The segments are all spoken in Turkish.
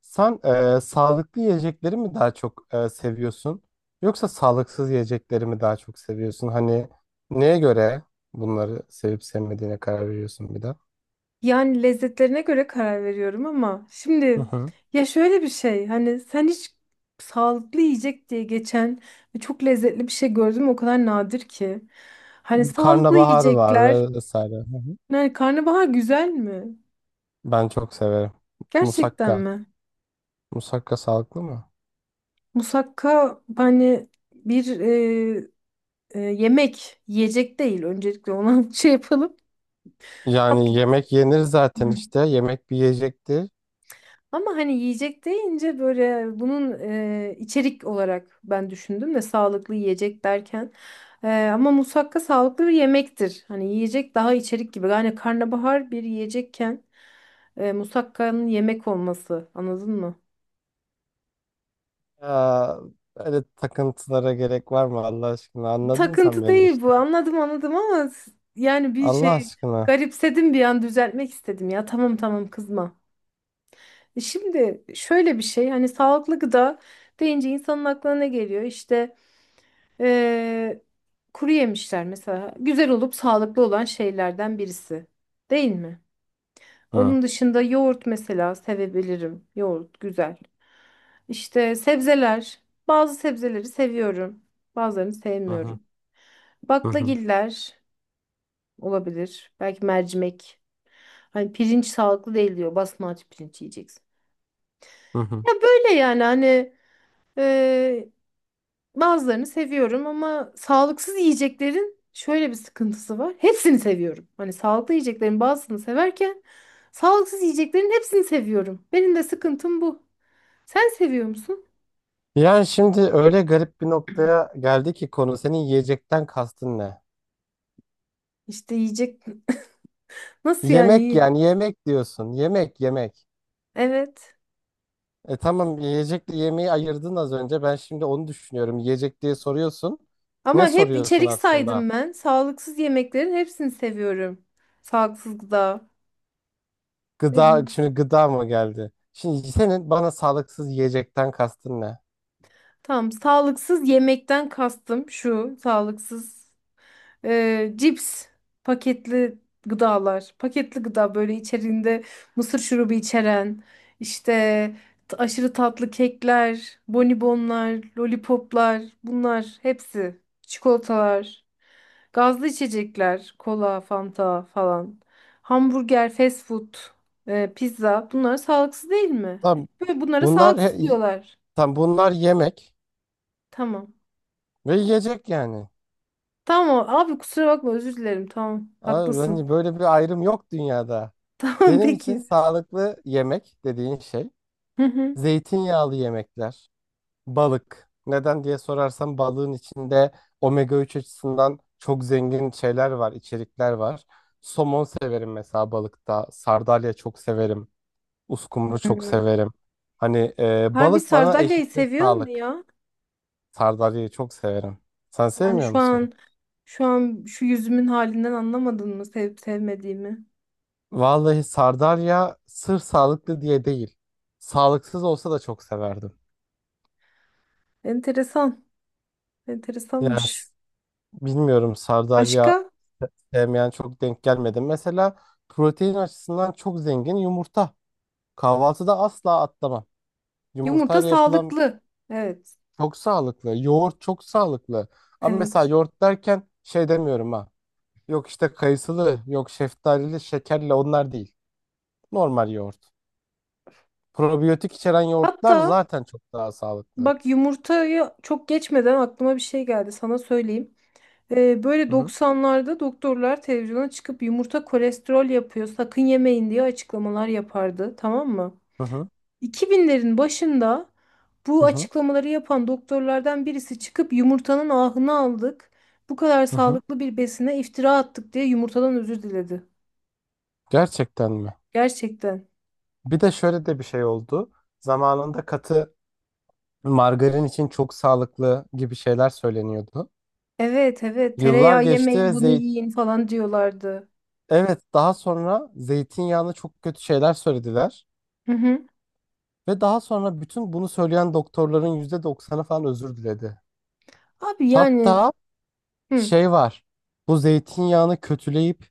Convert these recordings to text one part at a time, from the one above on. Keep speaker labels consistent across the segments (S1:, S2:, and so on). S1: Sen sağlıklı yiyecekleri mi daha çok seviyorsun yoksa sağlıksız yiyecekleri mi daha çok seviyorsun? Hani neye göre bunları sevip sevmediğine karar veriyorsun bir de?
S2: Yani lezzetlerine göre karar veriyorum ama
S1: Hı
S2: şimdi
S1: hı.
S2: ya şöyle bir şey hani sen hiç sağlıklı yiyecek diye geçen ve çok lezzetli bir şey gördüm o kadar nadir ki. Hani sağlıklı
S1: Karnabahar var,
S2: yiyecekler
S1: vesaire. Hı hı.
S2: yani karnabahar güzel mi?
S1: Ben çok severim.
S2: Gerçekten
S1: Musakka.
S2: mi?
S1: Musakka sağlıklı mı?
S2: Musakka hani bir yemek yiyecek değil öncelikle ona şey yapalım. Tatlı.
S1: Yani yemek yenir zaten işte. Yemek bir yiyecekti.
S2: Ama hani yiyecek deyince böyle bunun içerik olarak ben düşündüm de sağlıklı yiyecek derken. Ama musakka sağlıklı bir yemektir. Hani yiyecek daha içerik gibi. Yani karnabahar bir yiyecekken musakkanın yemek olması anladın mı?
S1: Ya böyle takıntılara gerek var mı Allah aşkına? Anladın sen
S2: Takıntı
S1: beni
S2: değil bu,
S1: işte.
S2: anladım anladım ama yani bir
S1: Allah
S2: şey
S1: aşkına.
S2: garipsedim bir an, düzeltmek istedim, ya tamam tamam kızma. Şimdi şöyle bir şey, hani sağlıklı gıda deyince insanın aklına ne geliyor? İşte Ee, kuru yemişler mesela, güzel olup sağlıklı olan şeylerden birisi. Değil mi?
S1: Hı.
S2: Onun dışında yoğurt mesela sevebilirim. Yoğurt güzel. İşte sebzeler. Bazı sebzeleri seviyorum. Bazılarını
S1: Hı hı.
S2: sevmiyorum.
S1: Hı hı.
S2: Baklagiller olabilir. Belki mercimek. Hani pirinç sağlıklı değil diyor. Basmati pirinç yiyeceksin.
S1: Hı hı.
S2: Ya böyle yani hani bazılarını seviyorum ama sağlıksız yiyeceklerin şöyle bir sıkıntısı var. Hepsini seviyorum. Hani sağlıklı yiyeceklerin bazısını severken sağlıksız yiyeceklerin hepsini seviyorum. Benim de sıkıntım bu. Sen seviyor musun?
S1: Yani şimdi öyle garip bir noktaya geldi ki konu, senin yiyecekten kastın ne?
S2: İşte yiyecek, nasıl yani
S1: Yemek,
S2: iyi?
S1: yani yemek diyorsun. Yemek yemek.
S2: Evet.
S1: E tamam, yiyecekle yemeği ayırdın az önce. Ben şimdi onu düşünüyorum. Yiyecek diye soruyorsun. Ne
S2: Ama hep
S1: soruyorsun
S2: içerik
S1: aslında?
S2: saydım ben. Sağlıksız yemeklerin hepsini seviyorum. Sağlıksız gıda. Ne
S1: Gıda,
S2: diyeyim?
S1: şimdi gıda mı geldi? Şimdi senin bana sağlıksız yiyecekten kastın ne?
S2: Tamam, sağlıksız yemekten kastım şu. Sağlıksız cips, paketli gıdalar, paketli gıda, böyle içeriğinde mısır şurubu içeren, işte aşırı tatlı kekler, bonibonlar, lollipoplar, bunlar hepsi, çikolatalar, gazlı içecekler, kola, fanta falan, hamburger, fast food, pizza, bunlar sağlıksız değil mi?
S1: Tam
S2: Böyle bunlara
S1: bunlar
S2: sağlıksız
S1: he-
S2: diyorlar.
S1: tam bunlar yemek
S2: Tamam.
S1: ve yiyecek yani.
S2: Tamam abi, kusura bakma, özür dilerim. Tamam
S1: Abi,
S2: haklısın.
S1: hani böyle bir ayrım yok dünyada.
S2: Tamam
S1: Benim için
S2: peki.
S1: sağlıklı yemek dediğin şey
S2: Hı hı.
S1: zeytinyağlı yemekler, balık. Neden diye sorarsam, balığın içinde omega 3 açısından çok zengin şeyler var, içerikler var. Somon severim mesela balıkta. Sardalya çok severim. Uskumru çok
S2: Hmm.
S1: severim. Hani
S2: Harbi
S1: balık bana
S2: sardalyayı
S1: eşittir
S2: seviyor mu
S1: sağlık.
S2: ya?
S1: Sardalyayı çok severim. Sen
S2: Yani
S1: sevmiyor
S2: şu
S1: musun?
S2: an şu an şu yüzümün halinden anlamadın mı sevip sevmediğimi?
S1: Vallahi sardalya sırf sağlıklı diye değil. Sağlıksız olsa da çok severdim.
S2: Enteresan.
S1: Yani
S2: Enteresanmış.
S1: s- Bilmiyorum, sardalya
S2: Başka?
S1: sevmeyen çok denk gelmedi. Mesela protein açısından çok zengin yumurta. Kahvaltıda asla atlamam.
S2: Yumurta
S1: Yumurtayla yapılan
S2: sağlıklı. Evet.
S1: çok sağlıklı. Yoğurt çok sağlıklı. Ama mesela
S2: Evet.
S1: yoğurt derken şey demiyorum ha. Yok işte kayısılı, yok şeftalili, şekerli onlar değil. Normal yoğurt. Probiyotik içeren yoğurtlar
S2: Hatta
S1: zaten çok daha sağlıklı.
S2: bak, yumurtayı çok geçmeden aklıma bir şey geldi. Sana söyleyeyim. Böyle
S1: Hı hı,
S2: 90'larda doktorlar televizyona çıkıp yumurta kolesterol yapıyor, sakın yemeyin diye açıklamalar yapardı. Tamam mı?
S1: hı hı,
S2: 2000'lerin başında
S1: hı
S2: bu
S1: hı.
S2: açıklamaları yapan doktorlardan birisi çıkıp yumurtanın ahını aldık, bu kadar
S1: Hı hı.
S2: sağlıklı bir besine iftira attık diye yumurtadan özür diledi.
S1: Gerçekten mi?
S2: Gerçekten.
S1: Bir de şöyle de bir şey oldu. Zamanında margarin için çok sağlıklı gibi şeyler söyleniyordu.
S2: Evet, evet,
S1: Yıllar
S2: tereyağı yemeyin
S1: geçti.
S2: bunu
S1: Zeyt
S2: yiyin falan diyorlardı.
S1: evet daha sonra zeytinyağına çok kötü şeyler söylediler.
S2: Hı hı.
S1: Ve daha sonra bütün bunu söyleyen doktorların %90'ı falan özür diledi.
S2: Abi yani
S1: Hatta
S2: hı,
S1: şey var. Bu zeytinyağını kötüleyip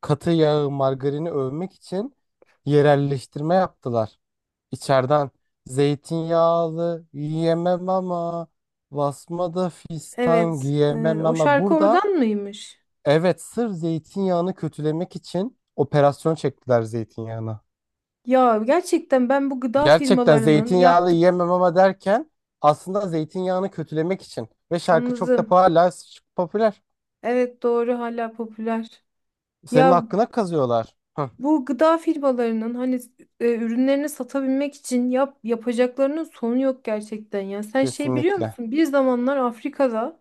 S1: katı yağı, margarini övmek için yerelleştirme yaptılar. İçeriden zeytinyağlı yiyemem ama, basmada fistan
S2: evet, evet
S1: giyemem
S2: o
S1: ama
S2: şarkı
S1: burada.
S2: oradan mıymış?
S1: Evet, sırf zeytinyağını kötülemek için operasyon çektiler zeytinyağına.
S2: Ya gerçekten, ben bu gıda
S1: Gerçekten
S2: firmalarının
S1: zeytinyağlı
S2: yaptık
S1: yiyemem ama derken aslında zeytinyağını kötülemek için. Ve şarkı çok da
S2: anladım.
S1: hala popüler.
S2: Evet doğru, hala popüler.
S1: Senin
S2: Ya
S1: hakkına kazıyorlar. Hı,
S2: bu gıda firmalarının hani ürünlerini satabilmek için yapacaklarının sonu yok gerçekten ya. Sen şey biliyor
S1: kesinlikle.
S2: musun? Bir zamanlar Afrika'da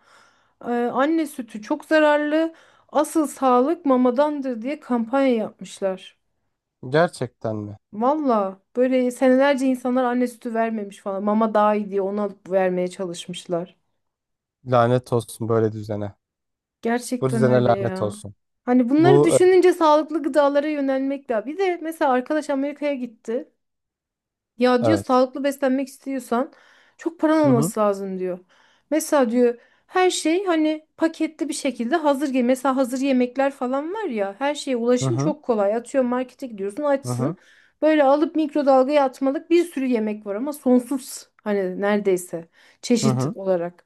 S2: anne sütü çok zararlı, asıl sağlık mamadandır diye kampanya yapmışlar.
S1: Gerçekten mi?
S2: Valla böyle senelerce insanlar anne sütü vermemiş falan. Mama daha iyi diye onu alıp vermeye çalışmışlar.
S1: Lanet olsun böyle düzene. Bu
S2: Gerçekten
S1: düzene
S2: öyle
S1: lanet
S2: ya.
S1: olsun.
S2: Hani bunları
S1: Bu
S2: düşününce sağlıklı gıdalara yönelmek de. Bir de mesela arkadaş Amerika'ya gitti. Ya diyor,
S1: evet.
S2: sağlıklı beslenmek istiyorsan çok paran
S1: Hı hı.
S2: olması lazım diyor. Mesela diyor her şey hani paketli bir şekilde hazır gel. Mesela hazır yemekler falan var ya, her şeye
S1: Hı
S2: ulaşım
S1: hı.
S2: çok kolay. Atıyor, markete gidiyorsun
S1: Hı hı.
S2: açsın. Böyle alıp mikrodalgaya atmalık bir sürü yemek var ama sonsuz hani, neredeyse
S1: Hı
S2: çeşit
S1: hı.
S2: olarak.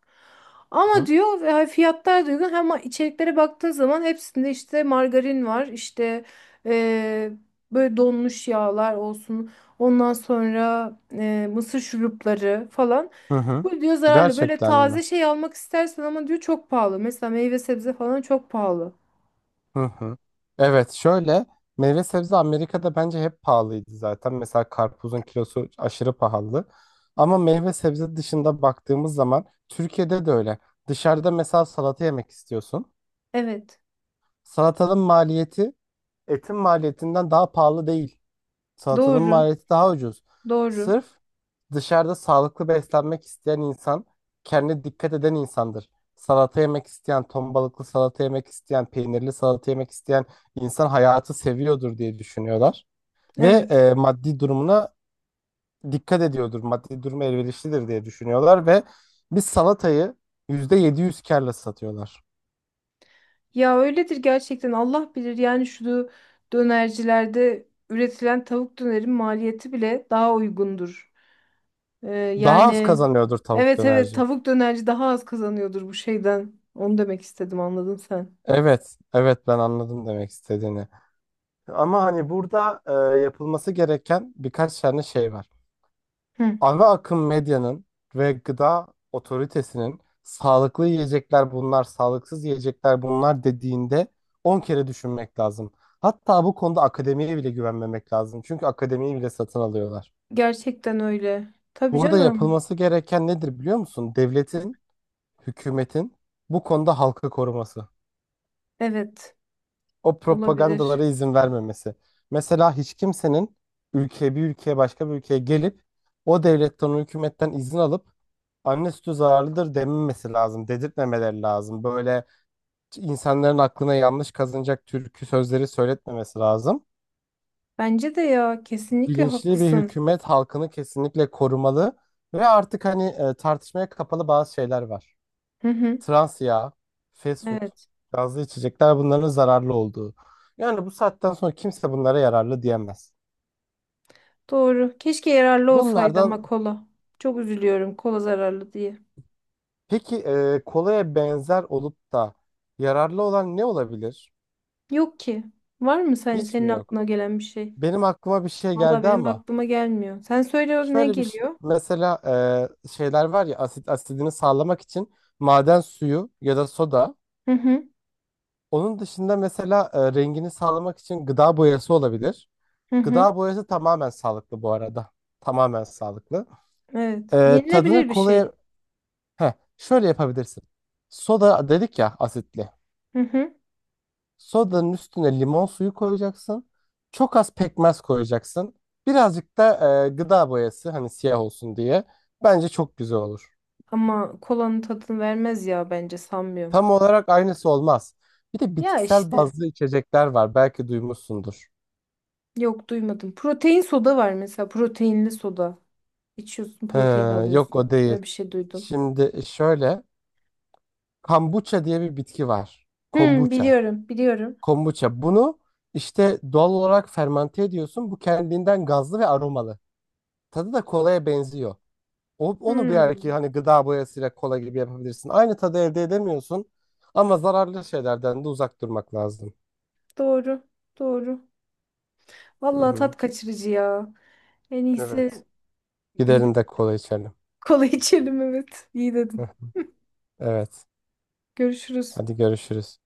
S1: Hı
S2: Ama
S1: hı.
S2: diyor ve fiyatlar da uygun, ama içeriklere baktığın zaman hepsinde işte margarin var, işte eee, böyle donmuş yağlar olsun. Ondan sonra mısır şurupları falan.
S1: Hı hı.
S2: Bu diyor zararlı. Böyle
S1: Gerçekten mi?
S2: taze şey almak istersen ama diyor çok pahalı. Mesela meyve sebze falan çok pahalı.
S1: Hı hı. Evet, şöyle, meyve sebze Amerika'da bence hep pahalıydı zaten. Mesela karpuzun kilosu aşırı pahalı. Ama meyve sebze dışında baktığımız zaman Türkiye'de de öyle. Dışarıda mesela salata yemek istiyorsun.
S2: Evet.
S1: Salatanın maliyeti etin maliyetinden daha pahalı değil. Salatanın
S2: Doğru.
S1: maliyeti daha ucuz.
S2: Doğru.
S1: Sırf dışarıda sağlıklı beslenmek isteyen insan, kendine dikkat eden insandır. Salata yemek isteyen, ton balıklı salata yemek isteyen, peynirli salata yemek isteyen insan hayatı seviyordur diye düşünüyorlar. Ve
S2: Evet.
S1: maddi durumuna dikkat ediyordur. Maddi durumu elverişlidir diye düşünüyorlar ve bir salatayı %700 kârla satıyorlar.
S2: Ya öyledir gerçekten. Allah bilir yani, şu dönercilerde üretilen tavuk dönerin maliyeti bile daha uygundur.
S1: Daha az
S2: Yani
S1: kazanıyordur tavuk
S2: evet, evet,
S1: dönerci.
S2: tavuk dönerci daha az kazanıyordur bu şeyden. Onu demek istedim, anladın sen.
S1: Evet, evet ben anladım demek istediğini. Ama hani burada, yapılması gereken birkaç tane şey var.
S2: Hı.
S1: Ana akım medyanın ve gıda otoritesinin sağlıklı yiyecekler bunlar, sağlıksız yiyecekler bunlar dediğinde 10 kere düşünmek lazım. Hatta bu konuda akademiye bile güvenmemek lazım. Çünkü akademiyi bile satın alıyorlar.
S2: Gerçekten öyle. Tabii
S1: Burada
S2: canım.
S1: yapılması gereken nedir biliyor musun? Devletin, hükümetin bu konuda halkı koruması.
S2: Evet,
S1: O
S2: olabilir.
S1: propagandalara izin vermemesi. Mesela hiç kimsenin ülkeye, bir ülkeye, başka bir ülkeye gelip o devletten, o hükümetten izin alıp anne sütü zararlıdır dememesi lazım. Dedirtmemeleri lazım. Böyle insanların aklına yanlış kazınacak türkü sözleri söyletmemesi lazım.
S2: Bence de ya, kesinlikle
S1: Bilinçli bir
S2: haklısın.
S1: hükümet halkını kesinlikle korumalı ve artık hani, tartışmaya kapalı bazı şeyler var.
S2: Hı hı.
S1: Trans yağ, fast food,
S2: Evet,
S1: gazlı içecekler, bunların zararlı olduğu. Yani bu saatten sonra kimse bunlara yararlı diyemez.
S2: doğru. Keşke yararlı olsaydı
S1: Bunlardan
S2: ama kola. Çok üzülüyorum kola zararlı diye.
S1: peki, kolaya benzer olup da yararlı olan ne olabilir?
S2: Yok ki. Var mı, sen,
S1: Hiç
S2: senin
S1: mi
S2: aklına
S1: yok?
S2: gelen bir şey?
S1: Benim aklıma bir şey
S2: Valla
S1: geldi
S2: benim
S1: ama
S2: aklıma gelmiyor. Sen söyle, ne geliyor?
S1: mesela, şeyler var ya, asit asidini sağlamak için maden suyu ya da soda.
S2: Hı hı.
S1: Onun dışında mesela rengini sağlamak için gıda boyası olabilir.
S2: Hı hı.
S1: Gıda boyası tamamen sağlıklı bu arada. Tamamen sağlıklı.
S2: Evet.
S1: Tadını
S2: Yenilebilir bir
S1: kolaya...
S2: şey.
S1: Heh, şöyle yapabilirsin. Soda dedik ya, asitli.
S2: Hı hı.
S1: Sodanın üstüne limon suyu koyacaksın. Çok az pekmez koyacaksın. Birazcık da gıda boyası, hani siyah olsun diye. Bence çok güzel olur.
S2: Ama kolanın tadını vermez ya, bence sanmıyorum.
S1: Tam olarak aynısı olmaz. Bir de
S2: Ya
S1: bitkisel
S2: işte.
S1: bazlı içecekler var. Belki duymuşsundur.
S2: Yok, duymadım. Protein soda var mesela. Proteinli soda. İçiyorsun,
S1: He,
S2: protein
S1: yok
S2: alıyorsun.
S1: o değil.
S2: Öyle bir şey duydum.
S1: Şimdi şöyle. Kombucha diye bir bitki var.
S2: Hmm,
S1: Kombucha.
S2: biliyorum, biliyorum.
S1: Kombuça. Bunu işte doğal olarak fermante ediyorsun. Bu kendinden gazlı ve aromalı. Tadı da kolaya benziyor. O, onu belki
S2: Hmm,
S1: hani gıda boyasıyla kola gibi yapabilirsin. Aynı tadı elde edemiyorsun. Ama zararlı şeylerden de uzak durmak lazım.
S2: doğru, doğru.
S1: Hı
S2: Vallahi
S1: hı.
S2: tat kaçırıcı ya. En
S1: Evet.
S2: iyisi gidip
S1: Gidelim de kola içelim.
S2: kola içelim, evet. İyi
S1: Hı.
S2: dedin.
S1: Evet.
S2: Görüşürüz.
S1: Hadi görüşürüz.